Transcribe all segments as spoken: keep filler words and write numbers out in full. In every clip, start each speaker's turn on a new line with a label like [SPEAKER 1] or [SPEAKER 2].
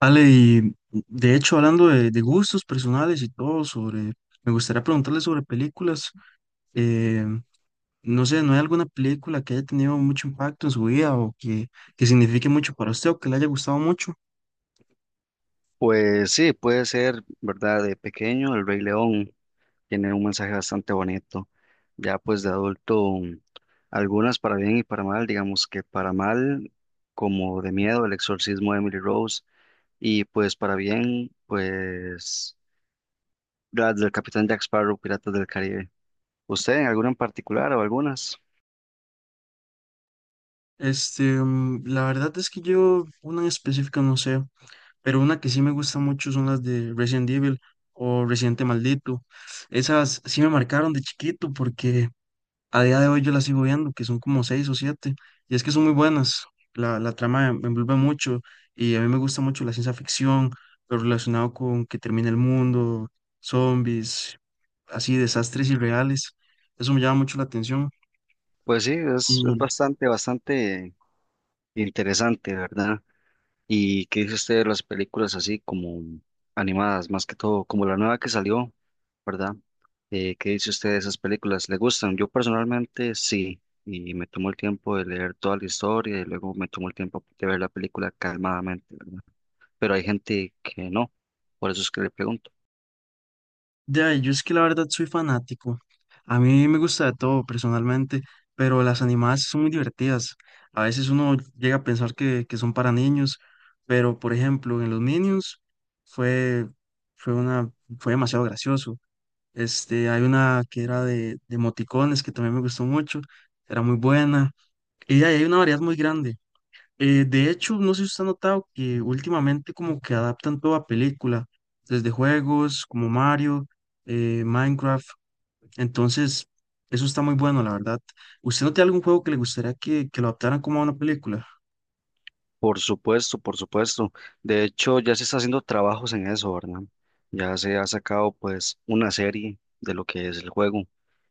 [SPEAKER 1] Ale, y de hecho, hablando de, de gustos personales y todo, sobre, me gustaría preguntarle sobre películas. eh, no sé, ¿no hay alguna película que haya tenido mucho impacto en su vida o que, que signifique mucho para usted o que le haya gustado mucho?
[SPEAKER 2] Pues sí, puede ser, ¿verdad? De pequeño, El Rey León tiene un mensaje bastante bonito. Ya pues de adulto, algunas para bien y para mal, digamos que para mal, como de miedo, El exorcismo de Emily Rose, y pues para bien, pues las del Capitán Jack Sparrow, Piratas del Caribe. ¿Usted en alguna en particular o algunas?
[SPEAKER 1] Este, mm, la verdad es que yo, una en específico no sé, pero una que sí me gusta mucho son las de Resident Evil o Residente Maldito. Esas sí me marcaron de chiquito porque a día de hoy yo las sigo viendo, que son como seis o siete, y es que son muy buenas. La, la trama me envuelve mucho y a mí me gusta mucho la ciencia ficción, lo relacionado con que termina el mundo, zombies, así desastres irreales. Eso me llama mucho la atención.
[SPEAKER 2] Pues sí, es, es bastante, bastante interesante, ¿verdad? ¿Y qué dice usted de las películas así como animadas, más que todo, como la nueva que salió, ¿verdad? Eh, ¿qué dice usted de esas películas? ¿Le gustan? Yo personalmente sí, y me tomó el tiempo de leer toda la historia y luego me tomó el tiempo de ver la película calmadamente, ¿verdad? Pero hay gente que no, por eso es que le pregunto.
[SPEAKER 1] Ya, yo es que la verdad soy fanático. A mí me gusta de todo personalmente, pero las animadas son muy divertidas. A veces uno llega a pensar que, que son para niños, pero por ejemplo, en los Minions fue, fue una, fue demasiado gracioso. Este, hay una que era de, de emoticones que también me gustó mucho, era muy buena. Y ahí hay una variedad muy grande. Eh, de hecho, no sé si usted ha notado que últimamente como que adaptan todo a película, desde juegos como Mario, eh, Minecraft, entonces eso está muy bueno, la verdad. ¿Usted no tiene algún juego que le gustaría que, que lo adaptaran como a una película?
[SPEAKER 2] Por supuesto, por supuesto. De hecho, ya se está haciendo trabajos en eso, ¿verdad? Ya se ha sacado pues una serie de lo que es el juego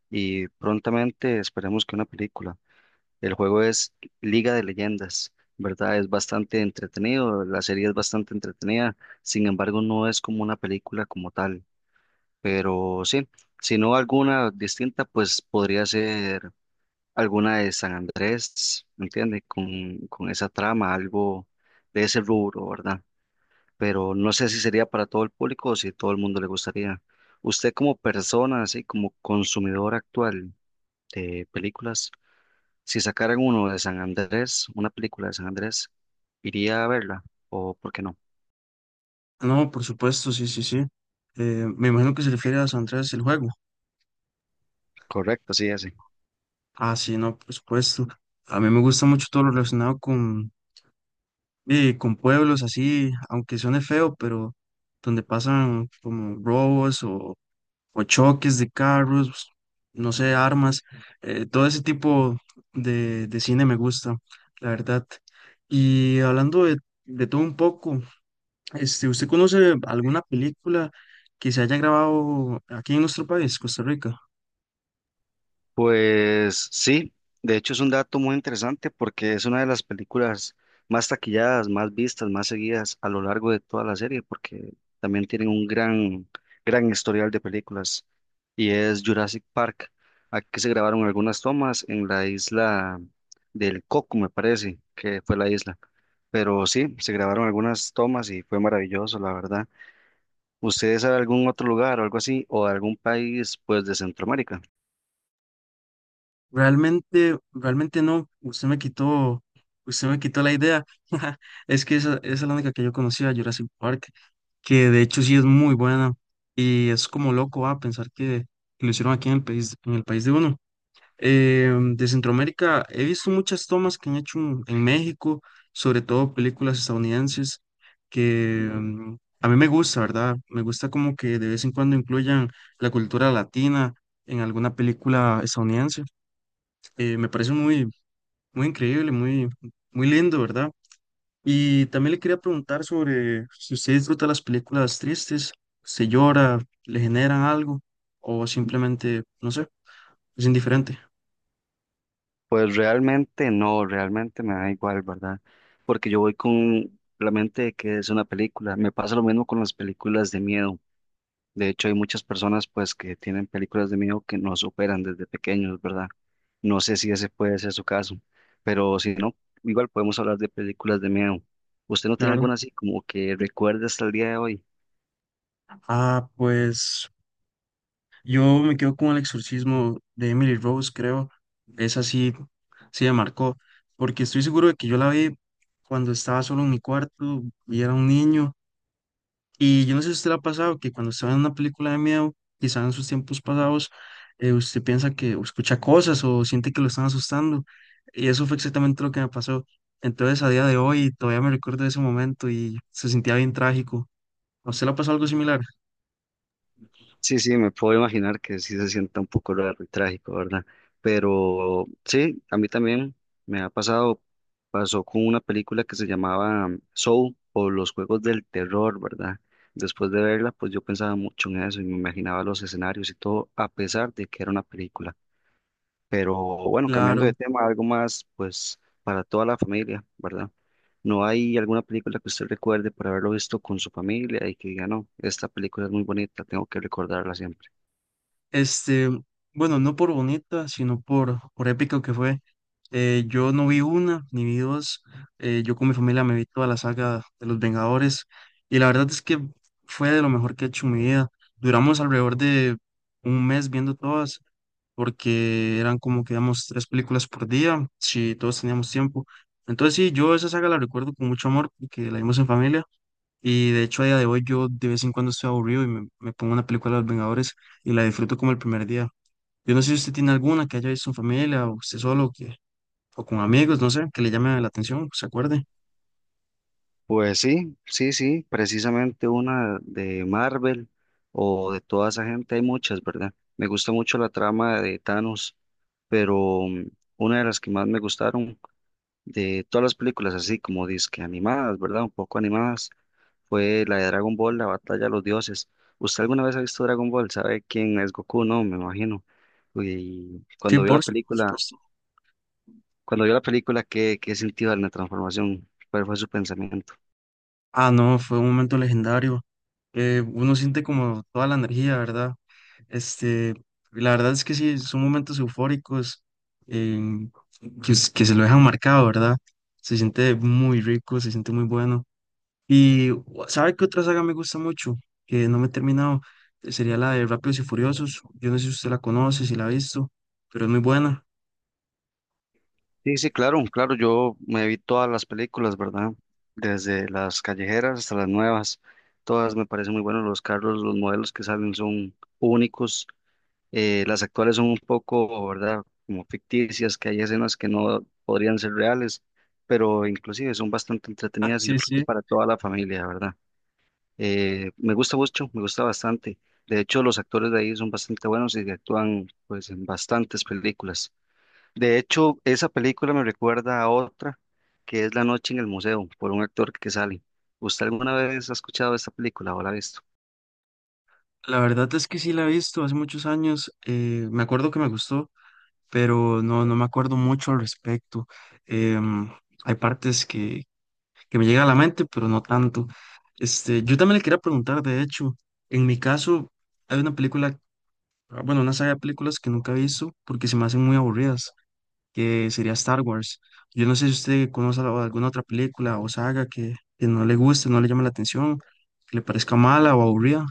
[SPEAKER 2] y prontamente esperemos que una película. El juego es Liga de Leyendas, ¿verdad? Es bastante entretenido, la serie es bastante entretenida, sin embargo no es como una película como tal, pero sí, si no alguna distinta, pues podría ser alguna de San Andrés, ¿entiende? Con, con esa trama, algo de ese rubro, ¿verdad? Pero no sé si sería para todo el público o si todo el mundo le gustaría. Usted como persona, así como consumidor actual de películas, si sacaran uno de San Andrés, una película de San Andrés, ¿iría a verla? ¿O por qué no?
[SPEAKER 1] No, por supuesto, sí, sí, sí. Eh, me imagino que se refiere a San Andreas el juego.
[SPEAKER 2] Correcto, sí, ese.
[SPEAKER 1] Ah, sí, no, por supuesto. A mí me gusta mucho todo lo relacionado con, eh, con pueblos así, aunque suene feo, pero donde pasan como robos o o choques de carros, pues, no sé, armas, eh, todo ese tipo de, de cine me gusta, la verdad. Y hablando de, de todo un poco, este, ¿usted conoce alguna película que se haya grabado aquí en nuestro país, Costa Rica?
[SPEAKER 2] Pues sí, de hecho es un dato muy interesante porque es una de las películas más taquilladas, más vistas, más seguidas a lo largo de toda la serie, porque también tienen un gran, gran historial de películas y es Jurassic Park. Aquí se grabaron algunas tomas en la isla del Coco, me parece, que fue la isla. Pero sí, se grabaron algunas tomas y fue maravilloso, la verdad. ¿Ustedes saben algún otro lugar o algo así, o algún país, pues, de Centroamérica?
[SPEAKER 1] Realmente, realmente no. Usted me quitó, usted me quitó la idea. Es que esa, esa es la única que yo conocía, Jurassic Park, que de hecho sí es muy buena. Y es como loco, a pensar que, que lo hicieron aquí en el país, en el país de uno. Em, de Centroamérica he visto muchas tomas que han hecho en en México, sobre todo películas estadounidenses, que em, a mí me gusta, ¿verdad? Me gusta como que de vez en cuando incluyan la cultura latina en alguna película estadounidense. Eh, me parece muy, muy increíble, muy, muy lindo, ¿verdad? Y también le quería preguntar sobre si usted disfruta las películas tristes, se llora, le generan algo o simplemente, no sé, es indiferente.
[SPEAKER 2] Pues realmente no, realmente me da igual, ¿verdad? Porque yo voy con la mente de que es una película. Me pasa lo mismo con las películas de miedo. De hecho, hay muchas personas pues que tienen películas de miedo que no superan desde pequeños, ¿verdad? No sé si ese puede ser su caso, pero si no, igual podemos hablar de películas de miedo. ¿Usted no tiene
[SPEAKER 1] Claro.
[SPEAKER 2] alguna así como que recuerde hasta el día de hoy?
[SPEAKER 1] Ah, pues yo me quedo con El exorcismo de Emily Rose, creo. Esa sí, sí me marcó, porque estoy seguro de que yo la vi cuando estaba solo en mi cuarto y era un niño. Y yo no sé si a usted le ha pasado que cuando está en una película de miedo, quizá en sus tiempos pasados, eh, usted piensa que o escucha cosas o siente que lo están asustando. Y eso fue exactamente lo que me pasó. Entonces, a día de hoy, todavía me recuerdo de ese momento y se sentía bien trágico. ¿A usted le ha pasado algo similar?
[SPEAKER 2] Sí, sí, me puedo imaginar que sí se sienta un poco raro y trágico, ¿verdad? Pero sí, a mí también me ha pasado, pasó con una película que se llamaba um, Soul o Los Juegos del Terror, ¿verdad? Después de verla, pues yo pensaba mucho en eso y me imaginaba los escenarios y todo, a pesar de que era una película. Pero bueno, cambiando de
[SPEAKER 1] Claro.
[SPEAKER 2] tema, algo más, pues para toda la familia, ¿verdad? ¿No hay alguna película que usted recuerde por haberlo visto con su familia y que diga, no, esta película es muy bonita, tengo que recordarla siempre?
[SPEAKER 1] Este, bueno, no por bonita, sino por, por épico que fue. Eh, yo no vi una, ni vi dos. Eh, yo con mi familia me vi toda la saga de Los Vengadores. Y la verdad es que fue de lo mejor que he hecho en mi vida. Duramos alrededor de un mes viendo todas, porque eran como que digamos tres películas por día, si todos teníamos tiempo. Entonces sí, yo esa saga la recuerdo con mucho amor, porque la vimos en familia. Y de hecho, a día de hoy yo de vez en cuando estoy aburrido y me, me pongo una película de Los Vengadores y la disfruto como el primer día. Yo no sé si usted tiene alguna que haya visto en familia o usted solo o, que, o con amigos, no sé, que le llame la atención, se acuerde.
[SPEAKER 2] Pues sí, sí, sí, precisamente una de Marvel o de toda esa gente, hay muchas, ¿verdad? Me gusta mucho la trama de Thanos, pero mm, una de las que más me gustaron de todas las películas, así como disque animadas, ¿verdad? Un poco animadas, fue la de Dragon Ball, la batalla de los dioses. ¿Usted alguna vez ha visto Dragon Ball? ¿Sabe quién es Goku? No, me imagino. Y
[SPEAKER 1] Sí,
[SPEAKER 2] cuando vio la
[SPEAKER 1] por su- por
[SPEAKER 2] película,
[SPEAKER 1] supuesto.
[SPEAKER 2] cuando vio la película, ¿qué, qué sintió en la transformación? ¿Cuál fue su pensamiento?
[SPEAKER 1] Ah, no, fue un momento legendario. Eh, uno siente como toda la energía, ¿verdad? Este, la verdad es que sí, son momentos eufóricos eh, que, s- que se lo dejan marcado, ¿verdad? Se siente muy rico, se siente muy bueno. Y ¿sabe qué otra saga me gusta mucho? Que no me he terminado. eh, Sería la de Rápidos y Furiosos. Yo no sé si usted la conoce, si la ha visto, pero es muy buena.
[SPEAKER 2] Sí, sí, claro, claro, yo me vi todas las películas, ¿verdad? Desde las callejeras hasta las nuevas, todas me parecen muy buenos los carros, los modelos que salen son únicos, eh, las actuales son un poco, ¿verdad? Como ficticias, que hay escenas que no podrían ser reales, pero inclusive son bastante
[SPEAKER 1] Ah,
[SPEAKER 2] entretenidas y yo
[SPEAKER 1] sí,
[SPEAKER 2] creo que
[SPEAKER 1] sí.
[SPEAKER 2] para toda la familia, ¿verdad? Eh, me gusta mucho, me gusta bastante. De hecho, los actores de ahí son bastante buenos y actúan pues en bastantes películas. De hecho, esa película me recuerda a otra que es La noche en el museo, por un actor que sale. ¿Usted alguna vez ha escuchado esta película o la ha visto?
[SPEAKER 1] La verdad es que sí la he visto hace muchos años. Eh, me acuerdo que me gustó, pero no, no me acuerdo mucho al respecto. Em, Hay partes que, que me llegan a la mente, pero no tanto. Este, yo también le quería preguntar, de hecho, en mi caso, hay una película, ah, bueno, una saga de películas que nunca he visto porque se me hacen muy aburridas, que sería Star Wars. Yo no sé si usted conoce al- alguna otra película o saga que, que no le guste, no le llame la atención, que le parezca mala o aburrida.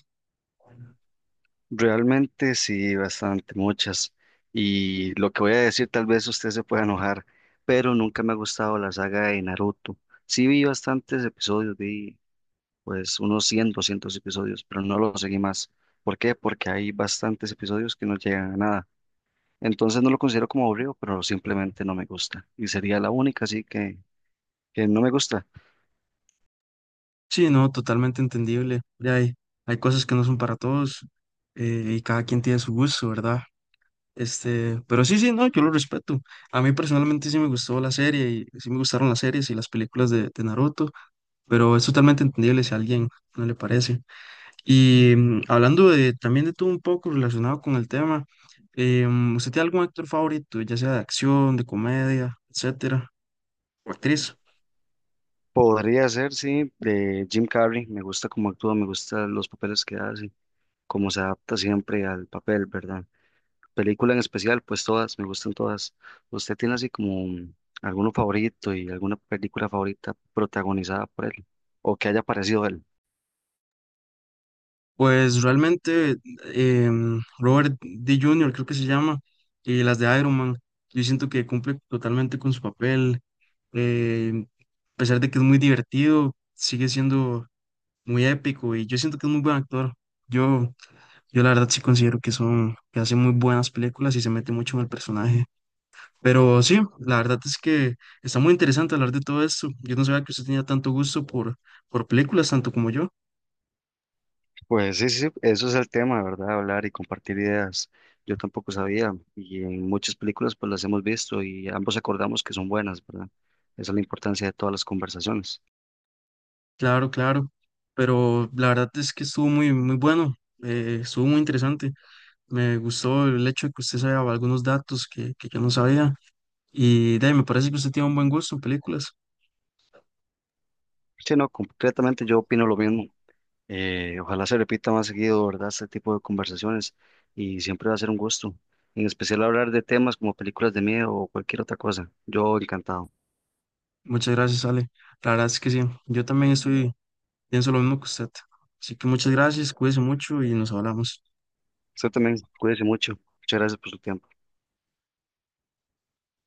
[SPEAKER 2] Realmente sí, bastante, muchas. Y lo que voy a decir, tal vez usted se pueda enojar, pero nunca me ha gustado la saga de Naruto. Sí vi bastantes episodios, vi pues unos cien, doscientos episodios, pero no lo seguí más. ¿Por qué? Porque hay bastantes episodios que no llegan a nada. Entonces no lo considero como aburrido, pero simplemente no me gusta. Y sería la única, así que, que no me gusta.
[SPEAKER 1] Sí, no, totalmente entendible. Ya hay, hay cosas que no son para todos eh, y cada quien tiene su gusto, ¿verdad? Este, pero sí, sí, no, yo lo respeto. A mí personalmente sí me gustó la serie y sí me gustaron las series y las películas de, de Naruto, pero es totalmente entendible si a alguien no le parece. Y mm, hablando de, también de todo un poco relacionado con el tema, eh, mm, ¿usted tiene algún actor favorito, ya sea de acción, de comedia, etcétera, o actriz?
[SPEAKER 2] Podría ser, sí, de Jim Carrey. Me gusta cómo actúa, me gustan los papeles que hace, cómo se adapta siempre al papel, ¿verdad? Película en especial, pues todas, me gustan todas. ¿Usted tiene así como un- alguno favorito y alguna película favorita protagonizada por él o que haya aparecido él?
[SPEAKER 1] Pues realmente eh, mm, Robert D. júnior, creo que se llama, y las de Iron Man, yo siento que cumple totalmente con su papel, eh, a pesar de que es muy divertido, sigue siendo muy épico y yo siento que es muy buen actor. Yo, yo la verdad sí considero que son, que hace muy buenas películas y se mete mucho en el personaje. Pero sí, la verdad es que está muy interesante hablar de todo esto. Yo no sabía que usted tenía tanto gusto por, por películas, tanto como yo.
[SPEAKER 2] Pues sí, sí, eso es el tema, ¿verdad? Hablar y compartir ideas. Yo tampoco sabía y en muchas películas pues las hemos visto y ambos acordamos que son buenas, ¿verdad? Esa es la importancia de todas las conversaciones.
[SPEAKER 1] Claro, claro. Pero la verdad es que estuvo muy, muy bueno. Eh, estuvo muy interesante. Me gustó el hecho de que usted sabía algunos datos que, que yo no sabía. Y de ahí, me parece que usted tiene un buen gusto en películas.
[SPEAKER 2] Sí, no, concretamente yo opino lo mismo. Eh, ojalá se repita más seguido, ¿verdad? Este tipo de conversaciones y siempre va a ser un gusto. En especial hablar de temas como películas de miedo o cualquier otra cosa. Yo encantado.
[SPEAKER 1] Muchas gracias, Ale. La verdad es que sí. Yo también estoy, pienso lo mismo que usted. Así que muchas gracias, cuídese mucho y nos hablamos.
[SPEAKER 2] Usted también, cuídese mucho. Muchas gracias por su tiempo.